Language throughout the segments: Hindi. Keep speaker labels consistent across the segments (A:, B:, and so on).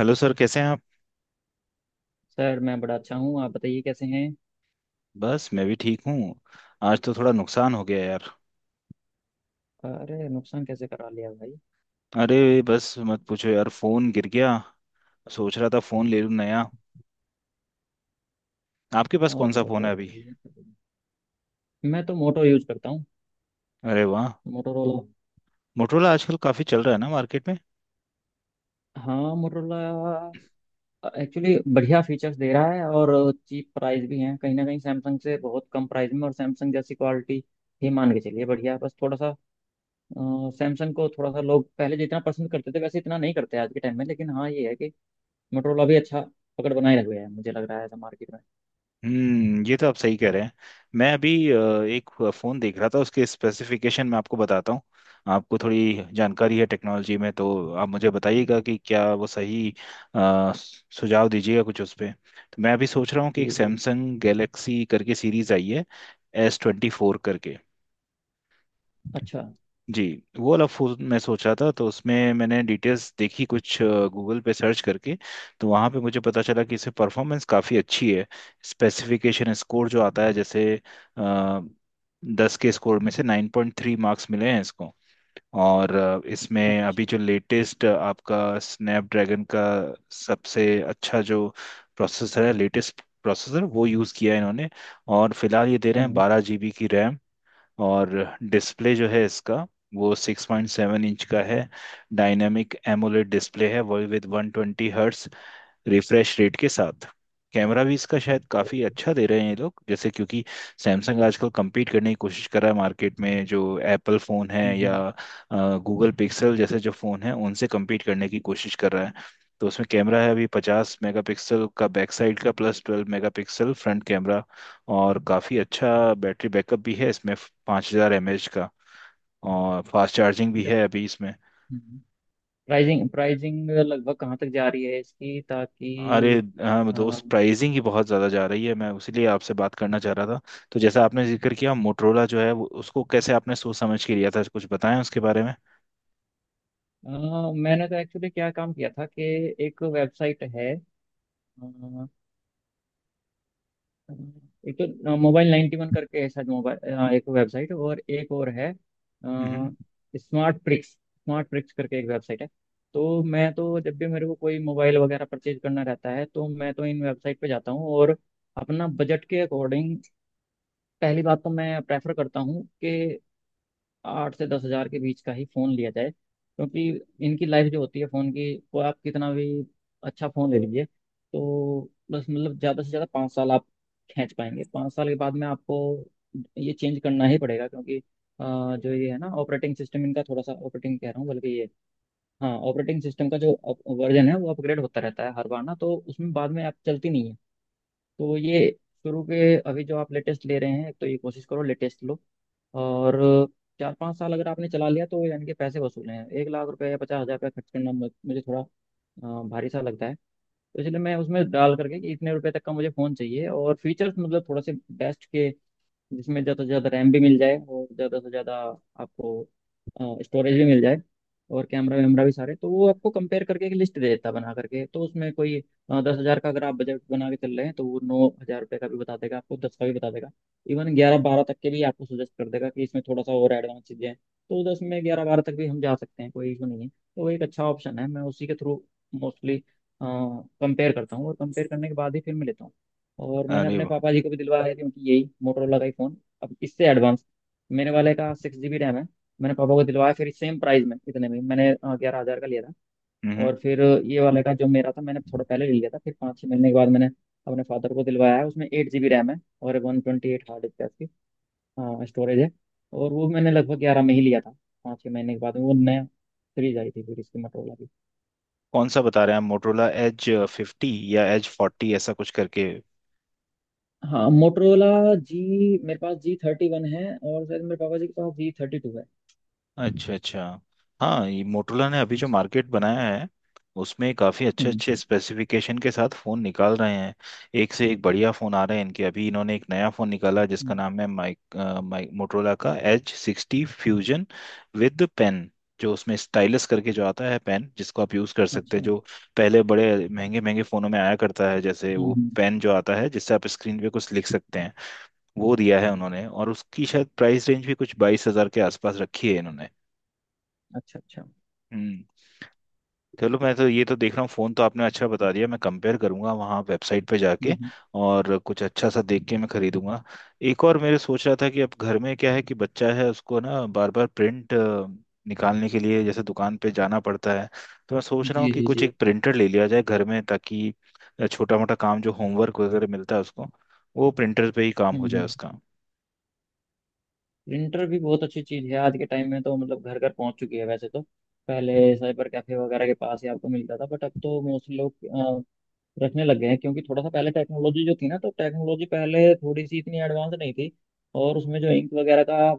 A: हेलो सर, कैसे हैं आप?
B: सर, मैं बड़ा अच्छा हूँ। आप बताइए कैसे हैं।
A: बस मैं भी ठीक हूँ। आज तो थोड़ा नुकसान हो गया यार।
B: अरे, नुकसान कैसे करा लिया भाई।
A: अरे, बस मत पूछो यार, फोन गिर गया। सोच रहा था फोन ले लूँ नया। आपके पास कौन सा
B: ओहो
A: फोन
B: हो,
A: है अभी?
B: ये तो- मैं तो मोटो यूज करता हूँ।
A: अरे वाह।
B: मोटोरोला।
A: मोटरोला आजकल काफी चल रहा है ना मार्केट में।
B: हाँ, मोटोरोला एक्चुअली बढ़िया फीचर्स दे रहा है और चीप प्राइस भी है, कहीं ना कहीं सैमसंग से बहुत कम प्राइस में और सैमसंग जैसी क्वालिटी ही मान के चलिए, बढ़िया है। बस थोड़ा सा सैमसंग को थोड़ा सा लोग पहले जितना पसंद करते थे वैसे इतना नहीं करते आज के टाइम में, लेकिन हाँ, ये है कि मोटोरोला भी अच्छा पकड़ बनाए रख गया है, मुझे लग रहा है ऐसा मार्केट में।
A: हम्म, ये तो आप सही कह रहे हैं। मैं अभी एक फ़ोन देख रहा था, उसके स्पेसिफिकेशन मैं आपको बताता हूँ। आपको थोड़ी जानकारी है टेक्नोलॉजी में, तो आप मुझे बताइएगा कि क्या वो सही अ, सुझाव दीजिएगा कुछ उस पे। तो मैं अभी सोच रहा हूँ कि
B: जी
A: एक
B: जी।
A: सैमसंग गैलेक्सी करके सीरीज़ आई है, S24 करके।
B: अच्छा
A: जी। वो वाला फूल मैं सोचा था, तो उसमें मैंने डिटेल्स देखी कुछ गूगल पे सर्च करके। तो वहाँ पे मुझे पता चला कि इससे परफॉर्मेंस काफ़ी अच्छी है। स्पेसिफिकेशन स्कोर जो आता है जैसे आ, 10 के स्कोर में से 9.3 मार्क्स मिले हैं इसको। और इसमें अभी
B: अच्छा।
A: जो लेटेस्ट आपका स्नैपड्रैगन का सबसे अच्छा जो प्रोसेसर है, लेटेस्ट प्रोसेसर वो यूज़ किया है इन्होंने। और फिलहाल ये दे रहे हैं
B: हम्म
A: 12 GB की रैम। और डिस्प्ले जो है इसका, वो 6.7 इंच का है। डायनामिक एमोलेड डिस्प्ले है वो, विद 120Hz रिफ्रेश रेट के साथ। कैमरा भी इसका शायद काफ़ी अच्छा दे रहे हैं ये लोग, जैसे क्योंकि सैमसंग आजकल compete करने की कोशिश कर रहा है मार्केट में जो एप्पल फ़ोन है
B: हम्म
A: या
B: हम्म।
A: गूगल पिक्सल जैसे जो फ़ोन है उनसे compete करने की कोशिश कर रहा है। तो उसमें कैमरा है अभी 50 मेगापिक्सल का बैक साइड का, प्लस 12 मेगापिक्सल फ्रंट कैमरा। और काफ़ी अच्छा बैटरी बैकअप भी है इसमें, 5000 mAh का। और फास्ट चार्जिंग भी
B: जब
A: है अभी इसमें।
B: हम्म, प्राइजिंग प्राइजिंग लगभग कहाँ तक जा रही है इसकी,
A: अरे
B: ताकि...
A: हाँ
B: अ,
A: दोस्त, प्राइसिंग ही बहुत ज़्यादा जा रही है, मैं उसीलिए आपसे बात करना चाह रहा था। तो जैसा आपने जिक्र किया मोटरोला जो है उसको कैसे आपने सोच समझ के लिया था, कुछ बताएं उसके बारे में।
B: अ, मैंने तो एक्चुअली क्या काम किया था कि एक वेबसाइट है। अ, एक तो मोबाइल 91 करके है शायद मोबाइल, एक वेबसाइट, और एक और है
A: हम्म।
B: स्मार्ट प्रिक्स करके एक वेबसाइट है। तो मैं तो जब भी मेरे को कोई मोबाइल वगैरह परचेज करना रहता है तो मैं तो इन वेबसाइट पे जाता हूँ, और अपना बजट के अकॉर्डिंग, पहली बात तो मैं प्रेफर करता हूँ कि 8 से 10 हज़ार के बीच का ही फ़ोन लिया जाए, क्योंकि इनकी लाइफ जो होती है फ़ोन की, वो आप कितना भी अच्छा फ़ोन ले लीजिए तो बस, मतलब ज़्यादा से ज़्यादा 5 साल आप खींच पाएंगे। 5 साल के बाद में आपको ये चेंज करना ही पड़ेगा, क्योंकि जो ये है ना ऑपरेटिंग सिस्टम इनका थोड़ा सा, ऑपरेटिंग कह रहा हूँ बल्कि ये, हाँ, ऑपरेटिंग सिस्टम का जो वर्जन है वो अपग्रेड होता रहता है हर बार ना, तो उसमें बाद में आप चलती नहीं है। तो ये शुरू के, अभी जो आप लेटेस्ट ले रहे हैं, एक तो ये कोशिश करो लेटेस्ट लो, और 4 5 साल अगर आपने चला लिया तो यानी कि पैसे वसूल हैं। 1 लाख रुपए या 50 हज़ार रुपये खर्च करना मुझे थोड़ा भारी सा लगता है। तो इसलिए मैं उसमें डाल करके कि इतने रुपए तक का मुझे फ़ोन चाहिए और फीचर्स मतलब थोड़े से बेस्ट के, जिसमें ज़्यादा से ज़्यादा रैम भी मिल जाए और ज़्यादा से ज़्यादा आपको स्टोरेज भी मिल जाए और कैमरा वैमरा भी सारे, तो वो आपको कंपेयर करके एक लिस्ट दे देता है बना करके। तो उसमें कोई 10 हज़ार का अगर आप बजट बना के चल रहे हैं तो वो 9 हज़ार रुपये का भी बता देगा आपको, दस का भी बता देगा। इवन 11 12 तक के भी आपको सजेस्ट कर देगा कि इसमें थोड़ा सा और एडवांस चीज़ें हैं, तो दस में 11 12 तक भी हम जा सकते हैं, कोई इशू नहीं है। तो वो एक अच्छा ऑप्शन है, मैं उसी के थ्रू मोस्टली कंपेयर करता हूँ और कंपेयर करने के बाद ही फिर मैं लेता हूँ। और मैंने
A: अरे
B: अपने
A: वाह।
B: पापा जी को भी दिलवाया थी उनकी, यही मोटरोला का ही फ़ोन। अब इससे एडवांस मेरे वाले का 6 GB रैम है। मैंने पापा को दिलवाया फिर सेम प्राइस में, इतने में मैंने, हाँ, 11 हज़ार का लिया था।
A: हम्म।
B: और फिर ये वाले का जो मेरा था मैंने थोड़ा पहले ले लिया था, फिर 5 6 महीने के बाद मैंने अपने फादर को दिलवाया है। उसमें 8 GB रैम है और 128 हार्ड डिस्क है उसकी, हाँ, स्टोरेज है। और वो मैंने लगभग ग्यारह में ही लिया था। 5 6 महीने के बाद में वो नया सीरीज आई थी फिर इसकी मोटरोला की।
A: कौन सा बता रहे हैं आप, मोटरोला Edge 50 या Edge 40, ऐसा कुछ करके?
B: हाँ, मोटरोला जी, मेरे पास G31 है और शायद मेरे पापा जी के पास G32
A: अच्छा अच्छा। हाँ, ये मोटोला ने अभी
B: है।
A: जो मार्केट बनाया है उसमें काफ़ी अच्छे
B: हम्म
A: अच्छे स्पेसिफिकेशन के साथ फ़ोन निकाल रहे हैं। एक से एक बढ़िया फ़ोन आ रहे हैं इनके। अभी इन्होंने एक नया फ़ोन निकाला जिसका
B: हम्म,
A: नाम है माइक मोटोला का H60 Fusion विद पेन। जो उसमें स्टाइलस करके जो आता है पेन, जिसको आप यूज़ कर सकते
B: अच्छा।
A: हैं, जो पहले बड़े महंगे महंगे फ़ोनों में आया करता है, जैसे
B: हम्म
A: वो
B: हम्म,
A: पेन जो आता है जिससे आप स्क्रीन पे कुछ लिख सकते हैं, वो दिया है उन्होंने। और उसकी शायद प्राइस रेंज भी कुछ 22,000 के आसपास रखी है इन्होंने।
B: अच्छा अच्छा।
A: हम्म। चलो, मैं तो ये तो देख रहा हूँ, फोन तो आपने अच्छा बता दिया, मैं कंपेयर करूंगा वहाँ वेबसाइट पे
B: हम्म
A: जाके
B: हम्म,
A: और कुछ अच्छा सा देख के मैं खरीदूंगा। एक और मेरे सोच रहा था कि अब घर में क्या है कि बच्चा है, उसको ना बार बार प्रिंट निकालने के लिए जैसे दुकान पे जाना पड़ता है, तो मैं सोच रहा हूँ
B: जी
A: कि
B: जी
A: कुछ
B: जी।
A: एक प्रिंटर ले लिया जाए घर में, ताकि छोटा मोटा काम जो होमवर्क वगैरह मिलता है उसको, वो प्रिंटर पे ही काम हो
B: हम्म।
A: जाए उसका।
B: प्रिंटर भी बहुत अच्छी चीज़ है आज के टाइम में तो, मतलब घर घर पहुंच चुकी है वैसे तो। पहले साइबर कैफे वगैरह के पास ही आपको मिलता था, बट अब तो मोस्टली लोग रखने लग गए हैं, क्योंकि थोड़ा सा पहले टेक्नोलॉजी जो थी ना, तो टेक्नोलॉजी पहले थोड़ी सी इतनी एडवांस नहीं थी, और उसमें जो इंक वगैरह का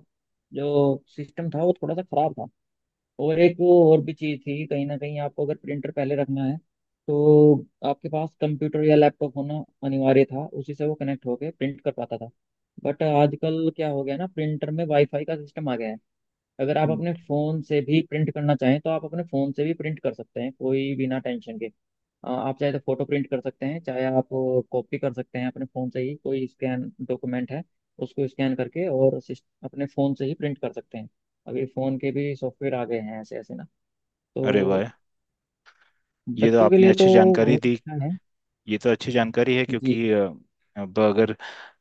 B: जो सिस्टम था वो थोड़ा सा खराब था। और एक वो और भी चीज़ थी, कहीं ना कहीं आपको अगर प्रिंटर पहले रखना है तो आपके पास कंप्यूटर या लैपटॉप होना अनिवार्य था, उसी से वो कनेक्ट होके प्रिंट कर पाता था। बट आजकल क्या हो गया ना, प्रिंटर में वाईफाई का सिस्टम आ गया है। अगर आप
A: हम्म।
B: अपने फ़ोन से भी प्रिंट करना चाहें तो आप अपने फ़ोन से भी प्रिंट कर सकते हैं, कोई बिना टेंशन के। आप चाहे तो फ़ोटो प्रिंट कर सकते हैं, चाहे आप कॉपी कर सकते हैं अपने फ़ोन से ही। कोई स्कैन डॉक्यूमेंट है उसको स्कैन करके और अपने फ़ोन से ही प्रिंट कर सकते हैं। अभी फ़ोन के भी सॉफ्टवेयर आ गए हैं ऐसे ऐसे ना,
A: अरे वाह,
B: तो
A: ये तो
B: बच्चों के
A: आपने
B: लिए तो
A: अच्छी जानकारी
B: बहुत
A: दी।
B: अच्छा है।
A: ये तो अच्छी जानकारी है,
B: जी
A: क्योंकि अब अगर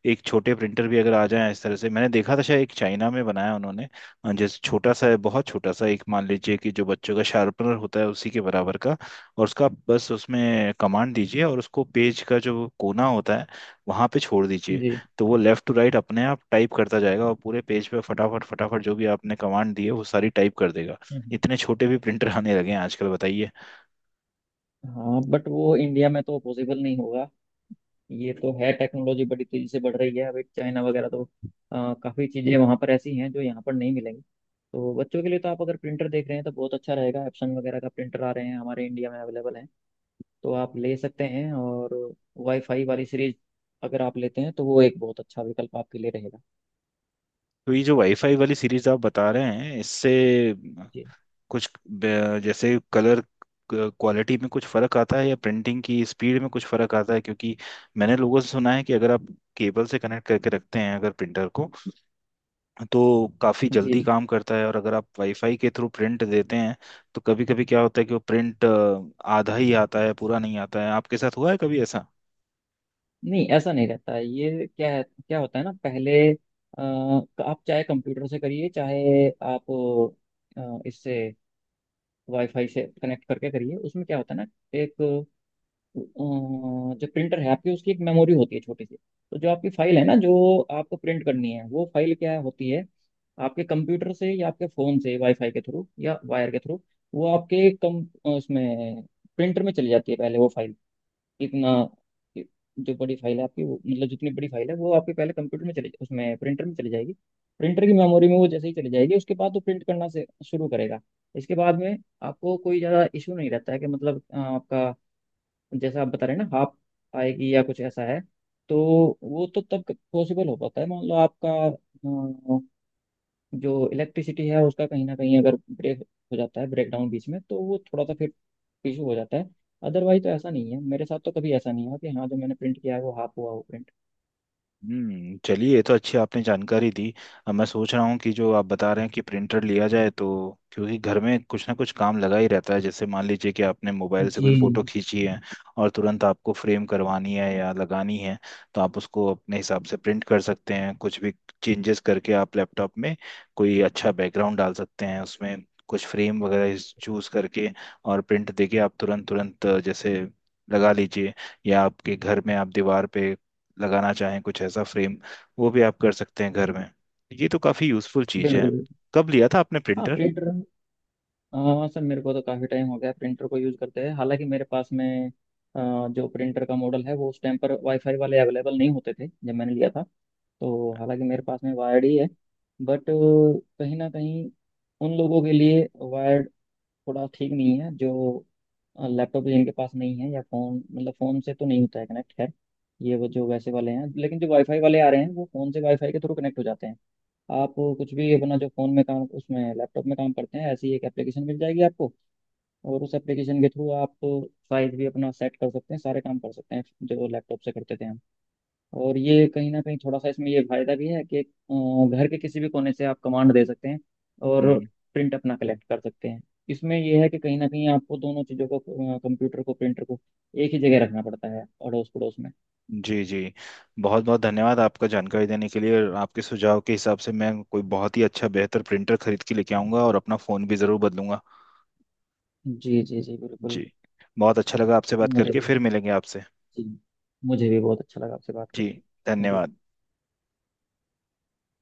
A: एक छोटे प्रिंटर भी अगर आ जाए, इस तरह से मैंने देखा था शायद एक चाइना में बनाया उन्होंने। जैसे छोटा सा है, बहुत छोटा सा, एक मान लीजिए कि जो बच्चों का शार्पनर होता है उसी के बराबर का। और उसका आप बस उसमें कमांड दीजिए और उसको पेज का जो कोना होता है, वहाँ पे छोड़ दीजिए,
B: जी।
A: तो वो लेफ्ट टू राइट अपने आप टाइप करता जाएगा और पूरे पेज पे फटाफट फटाफट जो भी आपने कमांड दी है वो सारी टाइप कर देगा।
B: हम्म।
A: इतने छोटे भी प्रिंटर आने लगे हैं आजकल, बताइए।
B: हाँ, बट वो इंडिया में तो पॉसिबल नहीं होगा। ये तो है, टेक्नोलॉजी बड़ी तेजी से बढ़ रही है, अभी चाइना वगैरह तो काफी चीजें वहाँ पर ऐसी हैं जो यहाँ पर नहीं मिलेंगी। तो बच्चों के लिए तो आप अगर प्रिंटर देख रहे हैं तो बहुत अच्छा रहेगा, एप्सन वगैरह का प्रिंटर आ रहे हैं, हमारे इंडिया में अवेलेबल हैं। तो आप ले सकते हैं, और वाईफाई वाली सीरीज अगर आप लेते हैं तो वो एक बहुत अच्छा विकल्प आपके लिए रहेगा।
A: तो ये जो वाईफाई वाली सीरीज आप बता रहे हैं, इससे
B: जी
A: कुछ जैसे कलर क्वालिटी में कुछ फर्क आता है या प्रिंटिंग की स्पीड में कुछ फर्क आता है? क्योंकि मैंने लोगों से सुना है कि अगर आप केबल से कनेक्ट करके रखते हैं अगर प्रिंटर को, तो काफ़ी जल्दी
B: जी।
A: काम करता है, और अगर आप वाईफाई के थ्रू प्रिंट देते हैं तो कभी कभी क्या होता है कि वो प्रिंट आधा ही आता है, पूरा नहीं आता है। आपके साथ हुआ है कभी ऐसा?
B: नहीं, ऐसा नहीं रहता है। ये क्या है, क्या होता है ना पहले, आप चाहे कंप्यूटर से करिए, चाहे आप इससे वाईफाई से कनेक्ट करके करिए, उसमें क्या होता है ना, एक जो प्रिंटर है आपकी, उसकी एक मेमोरी होती है छोटी सी। तो जो आपकी फाइल है ना, जो आपको प्रिंट करनी है, वो फाइल क्या होती है, आपके कंप्यूटर से या आपके फ़ोन से वाईफाई के थ्रू या वायर के थ्रू, वो आपके कम, उसमें प्रिंटर में चली जाती है पहले वो फाइल। इतना, जो बड़ी फाइल है आपकी वो, मतलब जितनी बड़ी फाइल है वो आपके पहले कंप्यूटर में चले उसमें प्रिंटर में चली जाएगी। प्रिंटर की मेमोरी में वो जैसे ही चली जाएगी, उसके बाद वो प्रिंट करना से शुरू करेगा। इसके बाद में आपको कोई ज़्यादा इशू नहीं रहता है, कि मतलब आपका, जैसा आप बता रहे हैं ना, हाफ आएगी या कुछ ऐसा है, तो वो तो तब पॉसिबल हो पाता है, मान लो आपका जो इलेक्ट्रिसिटी है उसका कहीं ना कहीं अगर ब्रेक हो जाता है, ब्रेकडाउन बीच में, तो वो थोड़ा सा फिर इशू हो जाता है। अदरवाइज तो ऐसा नहीं है, मेरे साथ तो कभी ऐसा नहीं हुआ कि हाँ जो मैंने प्रिंट किया है वो हाफ हुआ हो प्रिंट।
A: हम्म, चलिए, ये तो अच्छी आपने जानकारी दी। अब मैं सोच रहा हूँ कि जो आप बता रहे हैं कि प्रिंटर लिया जाए, तो क्योंकि घर में कुछ ना कुछ काम लगा ही रहता है। जैसे मान लीजिए कि आपने मोबाइल से कोई फोटो
B: जी,
A: खींची है और तुरंत आपको फ्रेम करवानी है या लगानी है, तो आप उसको अपने हिसाब से प्रिंट कर सकते हैं, कुछ भी चेंजेस करके आप लैपटॉप में कोई अच्छा बैकग्राउंड डाल सकते हैं उसमें, कुछ फ्रेम वगैरह चूज करके, और प्रिंट देके आप तुरंत तुरंत जैसे लगा लीजिए। या आपके घर में आप दीवार पे लगाना चाहें कुछ ऐसा फ्रेम, वो भी आप कर सकते हैं घर में। ये तो काफ़ी यूज़फुल चीज़ है।
B: बिल्कुल बिल्कुल।
A: कब लिया था आपने
B: हाँ,
A: प्रिंटर?
B: प्रिंटर। हाँ सर, मेरे को तो काफ़ी टाइम हो गया प्रिंटर को यूज़ करते हैं, हालांकि मेरे पास में जो प्रिंटर का मॉडल है वो उस टाइम पर वाईफाई वाले अवेलेबल नहीं होते थे जब मैंने लिया था। तो हालांकि मेरे पास में वायर्ड ही है। बट कहीं ना कहीं उन लोगों के लिए थोड़ा ठीक नहीं है, जो लैपटॉप जिनके पास नहीं है, या फोन, मतलब फोन से तो नहीं होता है कनेक्ट। खैर, ये वो जो वैसे वाले हैं, लेकिन जो वाईफाई वाले आ रहे हैं वो फोन से वाईफाई के थ्रू कनेक्ट हो जाते हैं। आप कुछ भी अपना जो फोन में काम उसमें लैपटॉप में काम करते हैं, ऐसी एक एप्लीकेशन मिल जाएगी आपको, और उस एप्लीकेशन के थ्रू आप साइज भी अपना सेट कर सकते हैं, सारे काम कर सकते हैं जो लैपटॉप से करते थे हम। और ये कहीं ना कहीं थोड़ा सा इसमें ये फायदा भी है कि घर के किसी भी कोने से आप कमांड दे सकते हैं और
A: हम्म।
B: प्रिंट अपना कलेक्ट कर सकते हैं। इसमें ये है कि कहीं ना कहीं आपको दोनों चीज़ों को, कंप्यूटर को, प्रिंटर को, एक ही जगह रखना पड़ता है अड़ोस पड़ोस में।
A: जी जी, बहुत बहुत धन्यवाद आपका जानकारी देने के लिए, और आपके सुझाव के हिसाब से मैं कोई बहुत ही अच्छा बेहतर प्रिंटर खरीद के लेके आऊँगा और अपना फ़ोन भी ज़रूर बदलूंगा।
B: जी जी जी, बिल्कुल।
A: जी। बहुत अच्छा लगा आपसे बात
B: मुझे
A: करके,
B: बहुत
A: फिर
B: अच्छा-
A: मिलेंगे आपसे।
B: जी। मुझे भी बहुत अच्छा लगा आपसे बात
A: जी,
B: करके। Thank you.
A: धन्यवाद।